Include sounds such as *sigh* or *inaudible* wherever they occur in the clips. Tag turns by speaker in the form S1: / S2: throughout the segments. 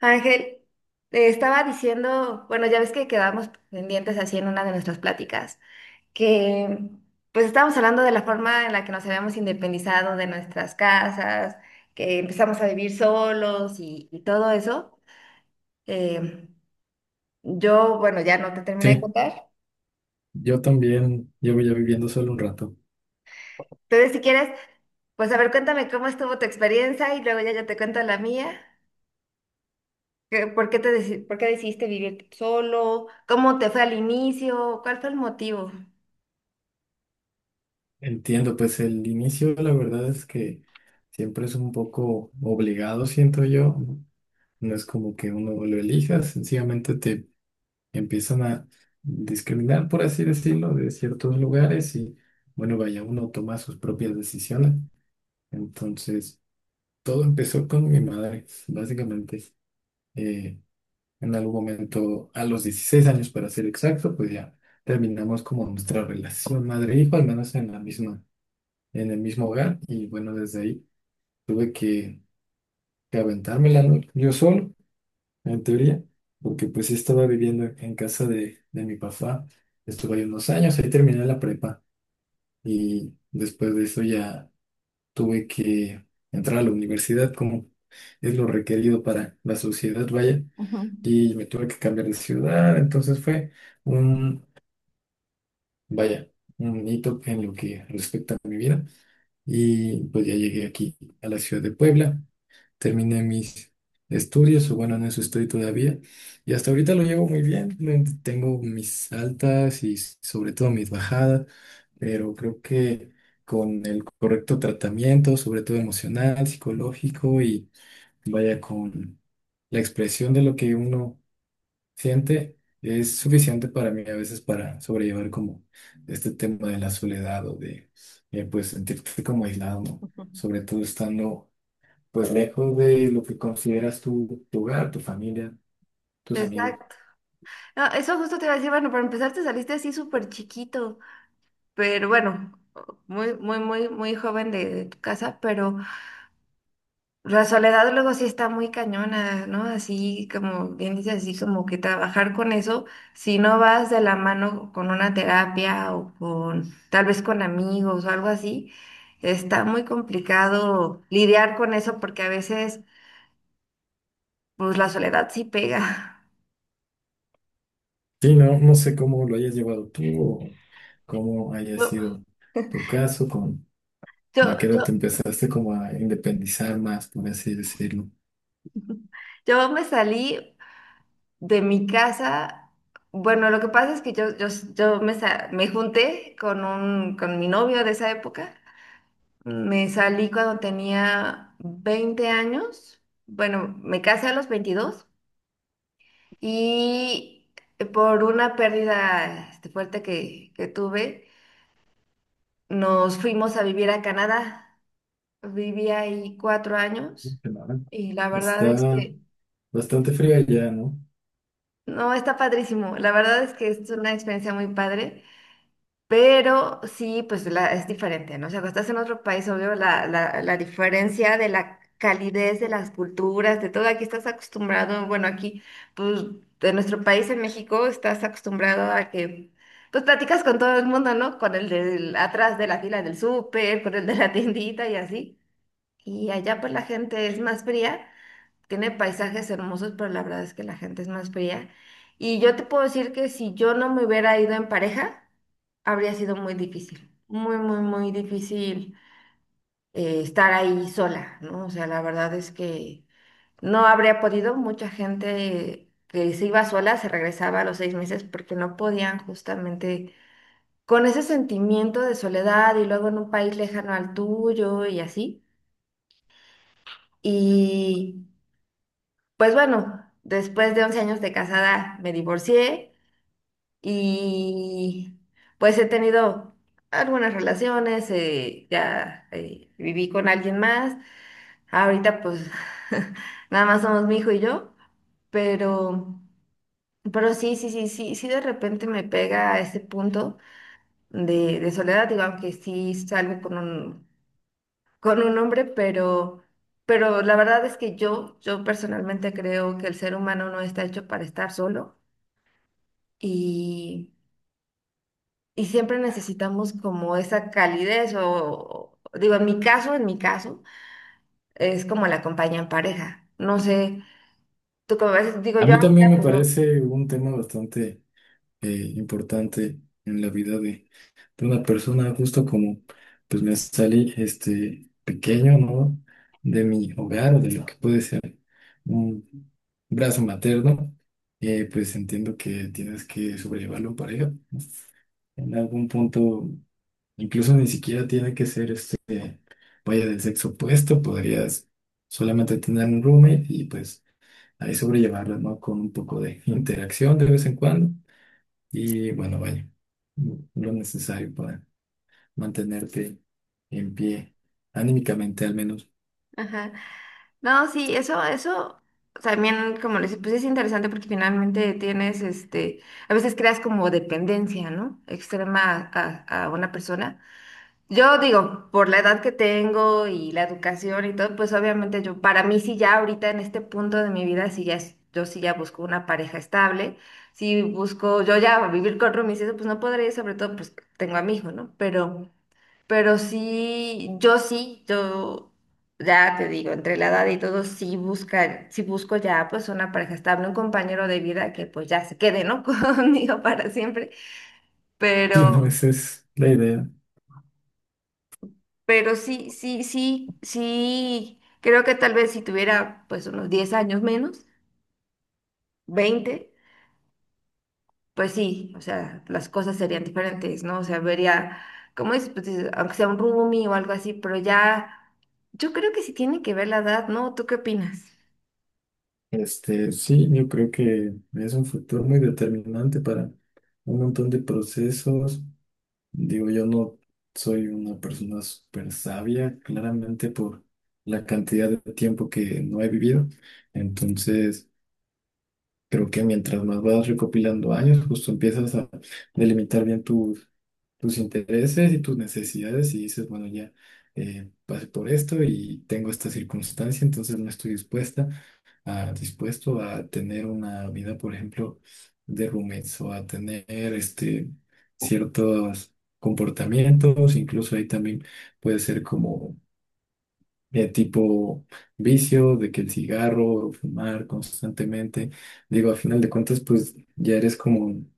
S1: Ángel, te estaba diciendo, bueno, ya ves que quedamos pendientes así en una de nuestras pláticas, que pues estábamos hablando de la forma en la que nos habíamos independizado de nuestras casas, que empezamos a vivir solos y todo eso. Eh, bueno, ya no te terminé de
S2: Sí,
S1: contar.
S2: yo también llevo ya viviendo solo un rato.
S1: Entonces, si quieres, pues a ver, cuéntame cómo estuvo tu experiencia y luego ya yo te cuento la mía. ¿Por qué por qué decidiste vivir solo? ¿Cómo te fue al inicio? ¿Cuál fue el motivo?
S2: Entiendo, pues el inicio, la verdad es que siempre es un poco obligado, siento yo. No No es como que uno lo elija, sencillamente te empiezan a discriminar, por así decirlo, de ciertos lugares y bueno, vaya, uno toma sus propias decisiones. Entonces, todo empezó con mi madre, básicamente. Eh, en algún momento, a los 16 años para ser exacto, pues ya terminamos como nuestra relación madre-hijo, al menos en la misma, en el mismo hogar. Y bueno, desde ahí tuve que, que aventármela, ¿no? Yo solo, en teoría, porque pues sí estaba viviendo en casa de mi papá. Estuve ahí unos años, ahí terminé la prepa y después de eso ya tuve que entrar a la universidad como es lo requerido para la sociedad, vaya. Y me tuve que cambiar de ciudad, entonces fue un, vaya, un hito en lo que respecta a mi vida y pues ya llegué aquí a la ciudad de Puebla, terminé mis estudios, o bueno, en eso estoy todavía y hasta ahorita lo llevo muy bien, tengo mis altas y sobre todo mis bajadas, pero creo que con el correcto tratamiento, sobre todo emocional, psicológico y vaya con la expresión de lo que uno siente, es suficiente para mí a veces para sobrellevar como este tema de la soledad o de pues sentirte como aislado, ¿no? Sobre todo estando pues lejos de lo que consideras tu hogar, tu familia, tus amigos.
S1: Exacto. No, eso justo te iba a decir, bueno, para empezar te saliste así súper chiquito, pero bueno, muy, muy, muy, muy joven de tu casa, pero la soledad luego sí está muy cañona, ¿no? Así como bien dices, así como que trabajar con eso, si no vas de la mano con una terapia o con tal vez con amigos o algo así, está muy complicado lidiar con eso porque a veces, pues la soledad sí pega. *laughs*
S2: Sí, no, no sé cómo lo hayas llevado tú o cómo haya
S1: Yo,
S2: sido tu caso, con a
S1: yo,
S2: qué edad te
S1: yo,
S2: empezaste como a independizar más, por así decirlo.
S1: *laughs* yo me salí de mi casa, bueno, lo que pasa es que yo me junté con mi novio de esa época. Me salí cuando tenía 20 años. Bueno, me casé a los 22 y por una pérdida fuerte que tuve, nos fuimos a vivir a Canadá. Viví ahí 4 años
S2: Ujú.
S1: y la verdad es
S2: Está
S1: que,
S2: bastante fría ya, ¿no?
S1: no, está padrísimo. La verdad es que es una experiencia muy padre. Pero sí, es diferente, ¿no? O sea, cuando estás en otro país, obvio, la diferencia de la calidez de las culturas, de todo, aquí estás acostumbrado, bueno, aquí, pues, de nuestro país, en México, estás acostumbrado a que, pues, platicas con todo el mundo, ¿no? Con el del atrás de la fila del súper, con el de la tiendita y así. Y allá, pues, la gente es más fría, tiene paisajes hermosos, pero la verdad es que la gente es más fría. Y yo te puedo decir que si yo no me hubiera ido en pareja, habría sido muy difícil, muy, muy, muy difícil estar ahí sola, ¿no? O sea, la verdad es que no habría podido. Mucha gente que se iba sola se regresaba a los 6 meses porque no podían justamente con ese sentimiento de soledad y luego en un país lejano al tuyo y así. Y Pues bueno, después de 11 años de casada me divorcié y pues he tenido algunas relaciones, viví con alguien más, ahorita pues *laughs* nada más somos mi hijo y yo, pero, pero sí, sí, sí, sí, sí, de repente me pega a ese punto de soledad, digo, aunque sí salgo con un hombre, pero la verdad es que yo personalmente creo que el ser humano no está hecho para estar solo y, y siempre necesitamos como esa calidez o digo, en mi caso, es como la compañía en pareja. No sé, tú como ves, digo
S2: A
S1: yo
S2: mí
S1: ahorita,
S2: también me
S1: pues no.
S2: parece un tema bastante importante en la vida de una persona, justo como pues me salí este pequeño, ¿no? De mi hogar o de lo que puede ser un brazo materno, pues entiendo que tienes que sobrellevarlo en pareja. ¿No? En algún punto, incluso ni siquiera tiene que ser este, vaya del sexo opuesto, podrías solamente tener un roommate y pues ahí sobrellevarlas, ¿no? Con un poco de interacción de vez en cuando y bueno, vaya, lo necesario para mantenerte en pie, anímicamente al menos. *laughs*
S1: Ajá. No, sí, eso también, como les pues es interesante porque finalmente tienes, a veces creas como dependencia, ¿no? Extrema a una persona. Yo digo, por la edad que tengo y la educación y todo, pues obviamente para mí sí ya ahorita en este punto de mi vida, yo sí ya busco una pareja estable, si busco, yo ya vivir con roomies, y eso pues no podría, sobre todo pues tengo a mi hijo, ¿no? Pero sí, yo ya te digo, entre la edad y todo, sí busco ya pues una pareja estable, un compañero de vida que pues ya se quede, ¿no? *laughs* Conmigo para siempre.
S2: Sí, no,
S1: Pero,
S2: esa es la idea.
S1: Pero sí, sí, sí, sí, creo que tal vez si tuviera pues unos 10 años menos, 20, pues sí, o sea, las cosas serían diferentes, ¿no? O sea, vería, ¿cómo es? Pues, dices, aunque sea un roomie o algo así, pero ya, yo creo que sí tiene que ver la edad, ¿no? ¿Tú qué opinas?
S2: Este, sí, yo creo que es un factor muy determinante para un montón de procesos. Digo, yo no soy una persona súper sabia, claramente por la cantidad de tiempo que no he vivido. Entonces, creo que mientras más vas recopilando años, justo empiezas a delimitar bien tus intereses y tus necesidades y dices, bueno, ya pasé por esto y tengo esta circunstancia, entonces no estoy dispuesto a tener una vida, por ejemplo, de roommates o a tener este, ciertos comportamientos, incluso ahí también puede ser como tipo vicio, de que el cigarro o fumar constantemente. Digo, a final de cuentas, pues ya eres como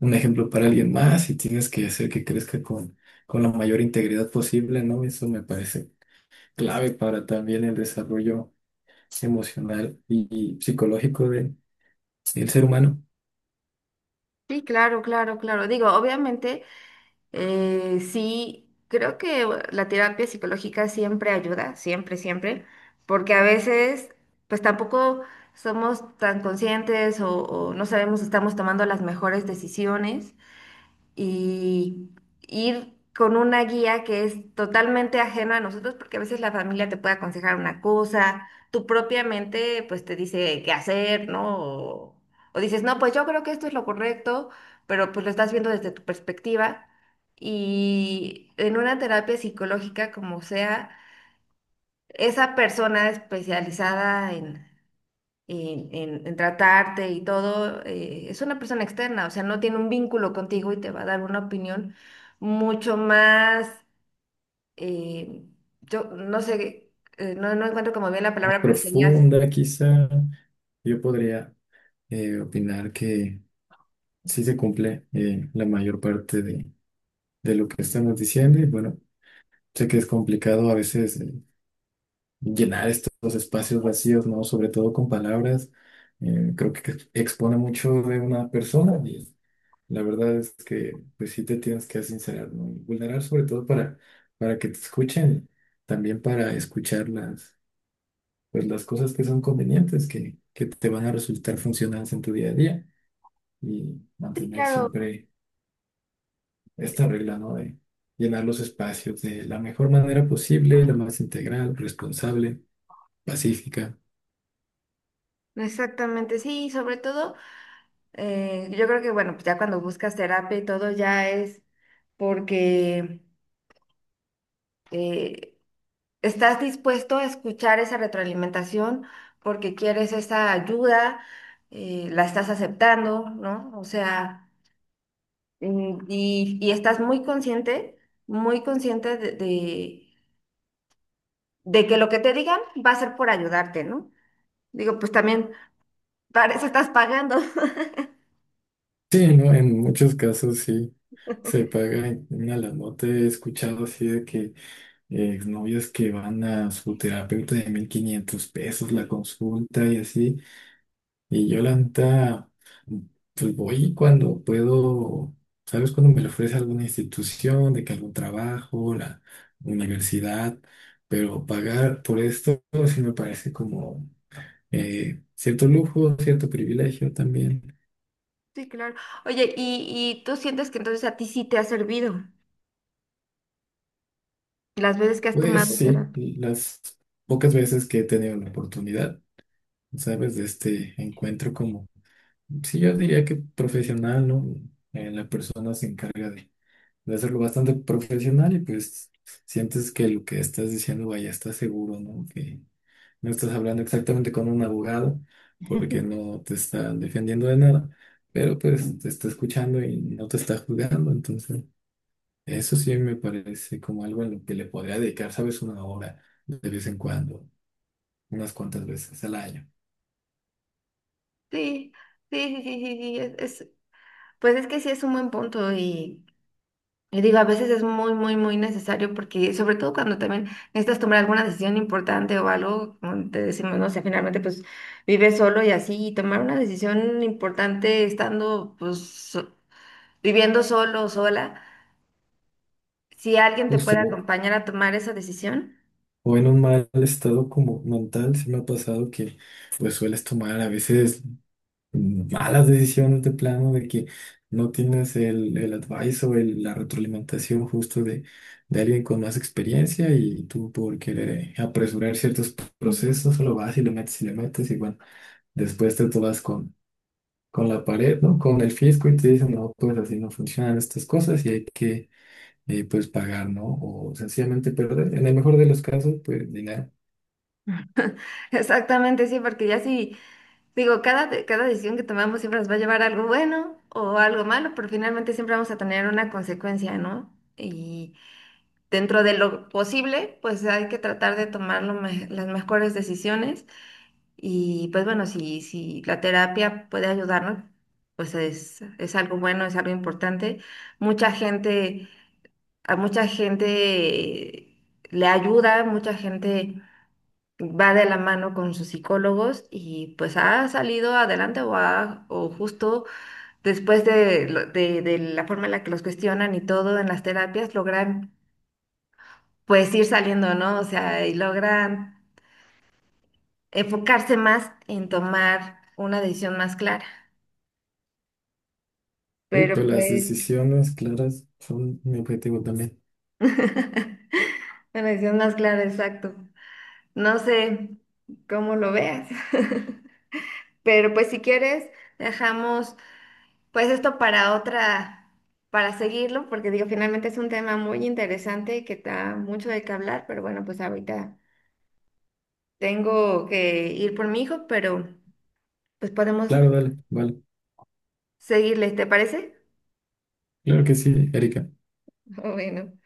S2: un ejemplo para alguien más y tienes que hacer que crezca con la mayor integridad posible, ¿no? Eso me parece clave para también el desarrollo emocional y psicológico de, del ser humano.
S1: Sí, claro, claro, claro. Digo, obviamente sí, creo que bueno, la terapia psicológica siempre ayuda, siempre, siempre, porque a veces pues tampoco somos tan conscientes o no sabemos si estamos tomando las mejores decisiones y ir con una guía que es totalmente ajena a nosotros, porque a veces la familia te puede aconsejar una cosa, tu propia mente pues te dice qué hacer, ¿no? O dices, no, pues yo creo que esto es lo correcto, pero pues lo estás viendo desde tu perspectiva. Y en una terapia psicológica como sea, esa persona especializada en tratarte y todo, es una persona externa, o sea, no tiene un vínculo contigo y te va a dar una opinión mucho más, eh, yo no sé, no encuentro como bien la
S2: Más
S1: palabra, pero sería...
S2: profunda, quizá, yo podría opinar que sí se cumple la mayor parte de lo que estamos diciendo y bueno. Sé que es complicado a veces llenar estos espacios vacíos, ¿no? Sobre todo con palabras. Creo que expone mucho de una persona y la verdad es que pues sí te tienes que sincerar, ¿no? Y vulnerar sobre todo para que te escuchen, también para escuchar las, pues, las cosas que son convenientes, que te van a resultar funcionales en tu día a día y
S1: Sí,
S2: mantener
S1: claro.
S2: siempre esta regla, ¿no? De llenar los espacios de la mejor manera posible, la más integral, responsable, pacífica.
S1: Exactamente, sí, sobre todo, yo creo que bueno, pues ya cuando buscas terapia y todo ya es porque... eh, estás dispuesto a escuchar esa retroalimentación porque quieres esa ayuda, la estás aceptando, ¿no? O sea, y estás muy consciente de que lo que te digan va a ser por ayudarte, ¿no? Digo, pues también para eso estás pagando. *laughs*
S2: Sí, ¿no? En muchos casos sí se paga una la nota. He escuchado así de que novios que van a su terapeuta de 1500 pesos la consulta y así. Y yo la neta, pues voy cuando puedo, ¿sabes? Cuando me lo ofrece alguna institución, de que algún trabajo, la universidad, pero pagar por esto sí me parece como cierto lujo, cierto privilegio también.
S1: Sí, claro. Oye, y tú sientes que entonces a ti sí te ha servido las veces que has
S2: Pues
S1: tomado
S2: sí,
S1: terapia.
S2: las pocas veces que he tenido la oportunidad, ¿sabes? De este encuentro como, sí, yo diría que profesional, ¿no? La persona se encarga de hacerlo bastante profesional y pues sientes que lo que estás diciendo, vaya, estás seguro, ¿no? Que no estás hablando exactamente con un abogado porque
S1: *laughs*
S2: no te está defendiendo de nada, pero pues te está escuchando y no te está juzgando, entonces... Eso sí me parece como algo en lo que le podría dedicar, ¿sabes? Una hora de vez en cuando, unas cuantas veces al año.
S1: Sí, sí, sí, sí, sí, sí, pues es que sí es un buen punto y... Y digo, a veces es muy, muy, muy necesario porque, sobre todo cuando también necesitas tomar alguna decisión importante o algo, como te decimos, no sé, finalmente pues vives solo y así, y tomar una decisión importante estando pues viviendo solo o sola, si alguien te
S2: Justo,
S1: puede acompañar a tomar esa decisión.
S2: o en un mal estado como mental, sí me ha pasado que pues sueles tomar a veces malas decisiones de plano, de que no tienes el advice o la retroalimentación justo de alguien con más experiencia y tú por querer apresurar ciertos
S1: Ujú.
S2: procesos, solo vas y le metes y le metes y bueno, después te tomas con la pared, ¿no? Con el fisco y te dicen, no, pues así no funcionan estas cosas y hay que, pues, pagar, ¿no? O sencillamente perder. En el mejor de los casos, pues, dinero.
S1: Exactamente, sí, porque ya sí, digo, cada decisión que tomamos siempre nos va a llevar a algo bueno o algo malo, pero finalmente siempre vamos a tener una consecuencia, ¿no? Y dentro de lo posible, pues hay que tratar de tomar las mejores decisiones y pues bueno, si la terapia puede ayudarnos, pues es algo bueno, es algo importante. Mucha gente, a mucha gente le ayuda, mucha gente va de la mano con sus psicólogos y pues ha salido adelante o justo después de de la forma en la que los cuestionan y todo en las terapias, logran pues ir saliendo, ¿no? O sea, y logran enfocarse más en tomar una decisión más clara.
S2: Justo
S1: Pero
S2: las
S1: pues,
S2: decisiones claras son mi objetivo también.
S1: *laughs* una decisión más clara, exacto. No sé cómo lo veas. *laughs* Pero pues si quieres, dejamos pues esto para otra, para seguirlo, porque digo, finalmente es un tema muy interesante que da mucho de qué hablar, pero bueno, pues ahorita tengo que ir por mi hijo, pero pues podemos
S2: Claro, dale, vale.
S1: seguirle, ¿te parece?
S2: Claro que sí, Erika.
S1: *laughs* Bueno.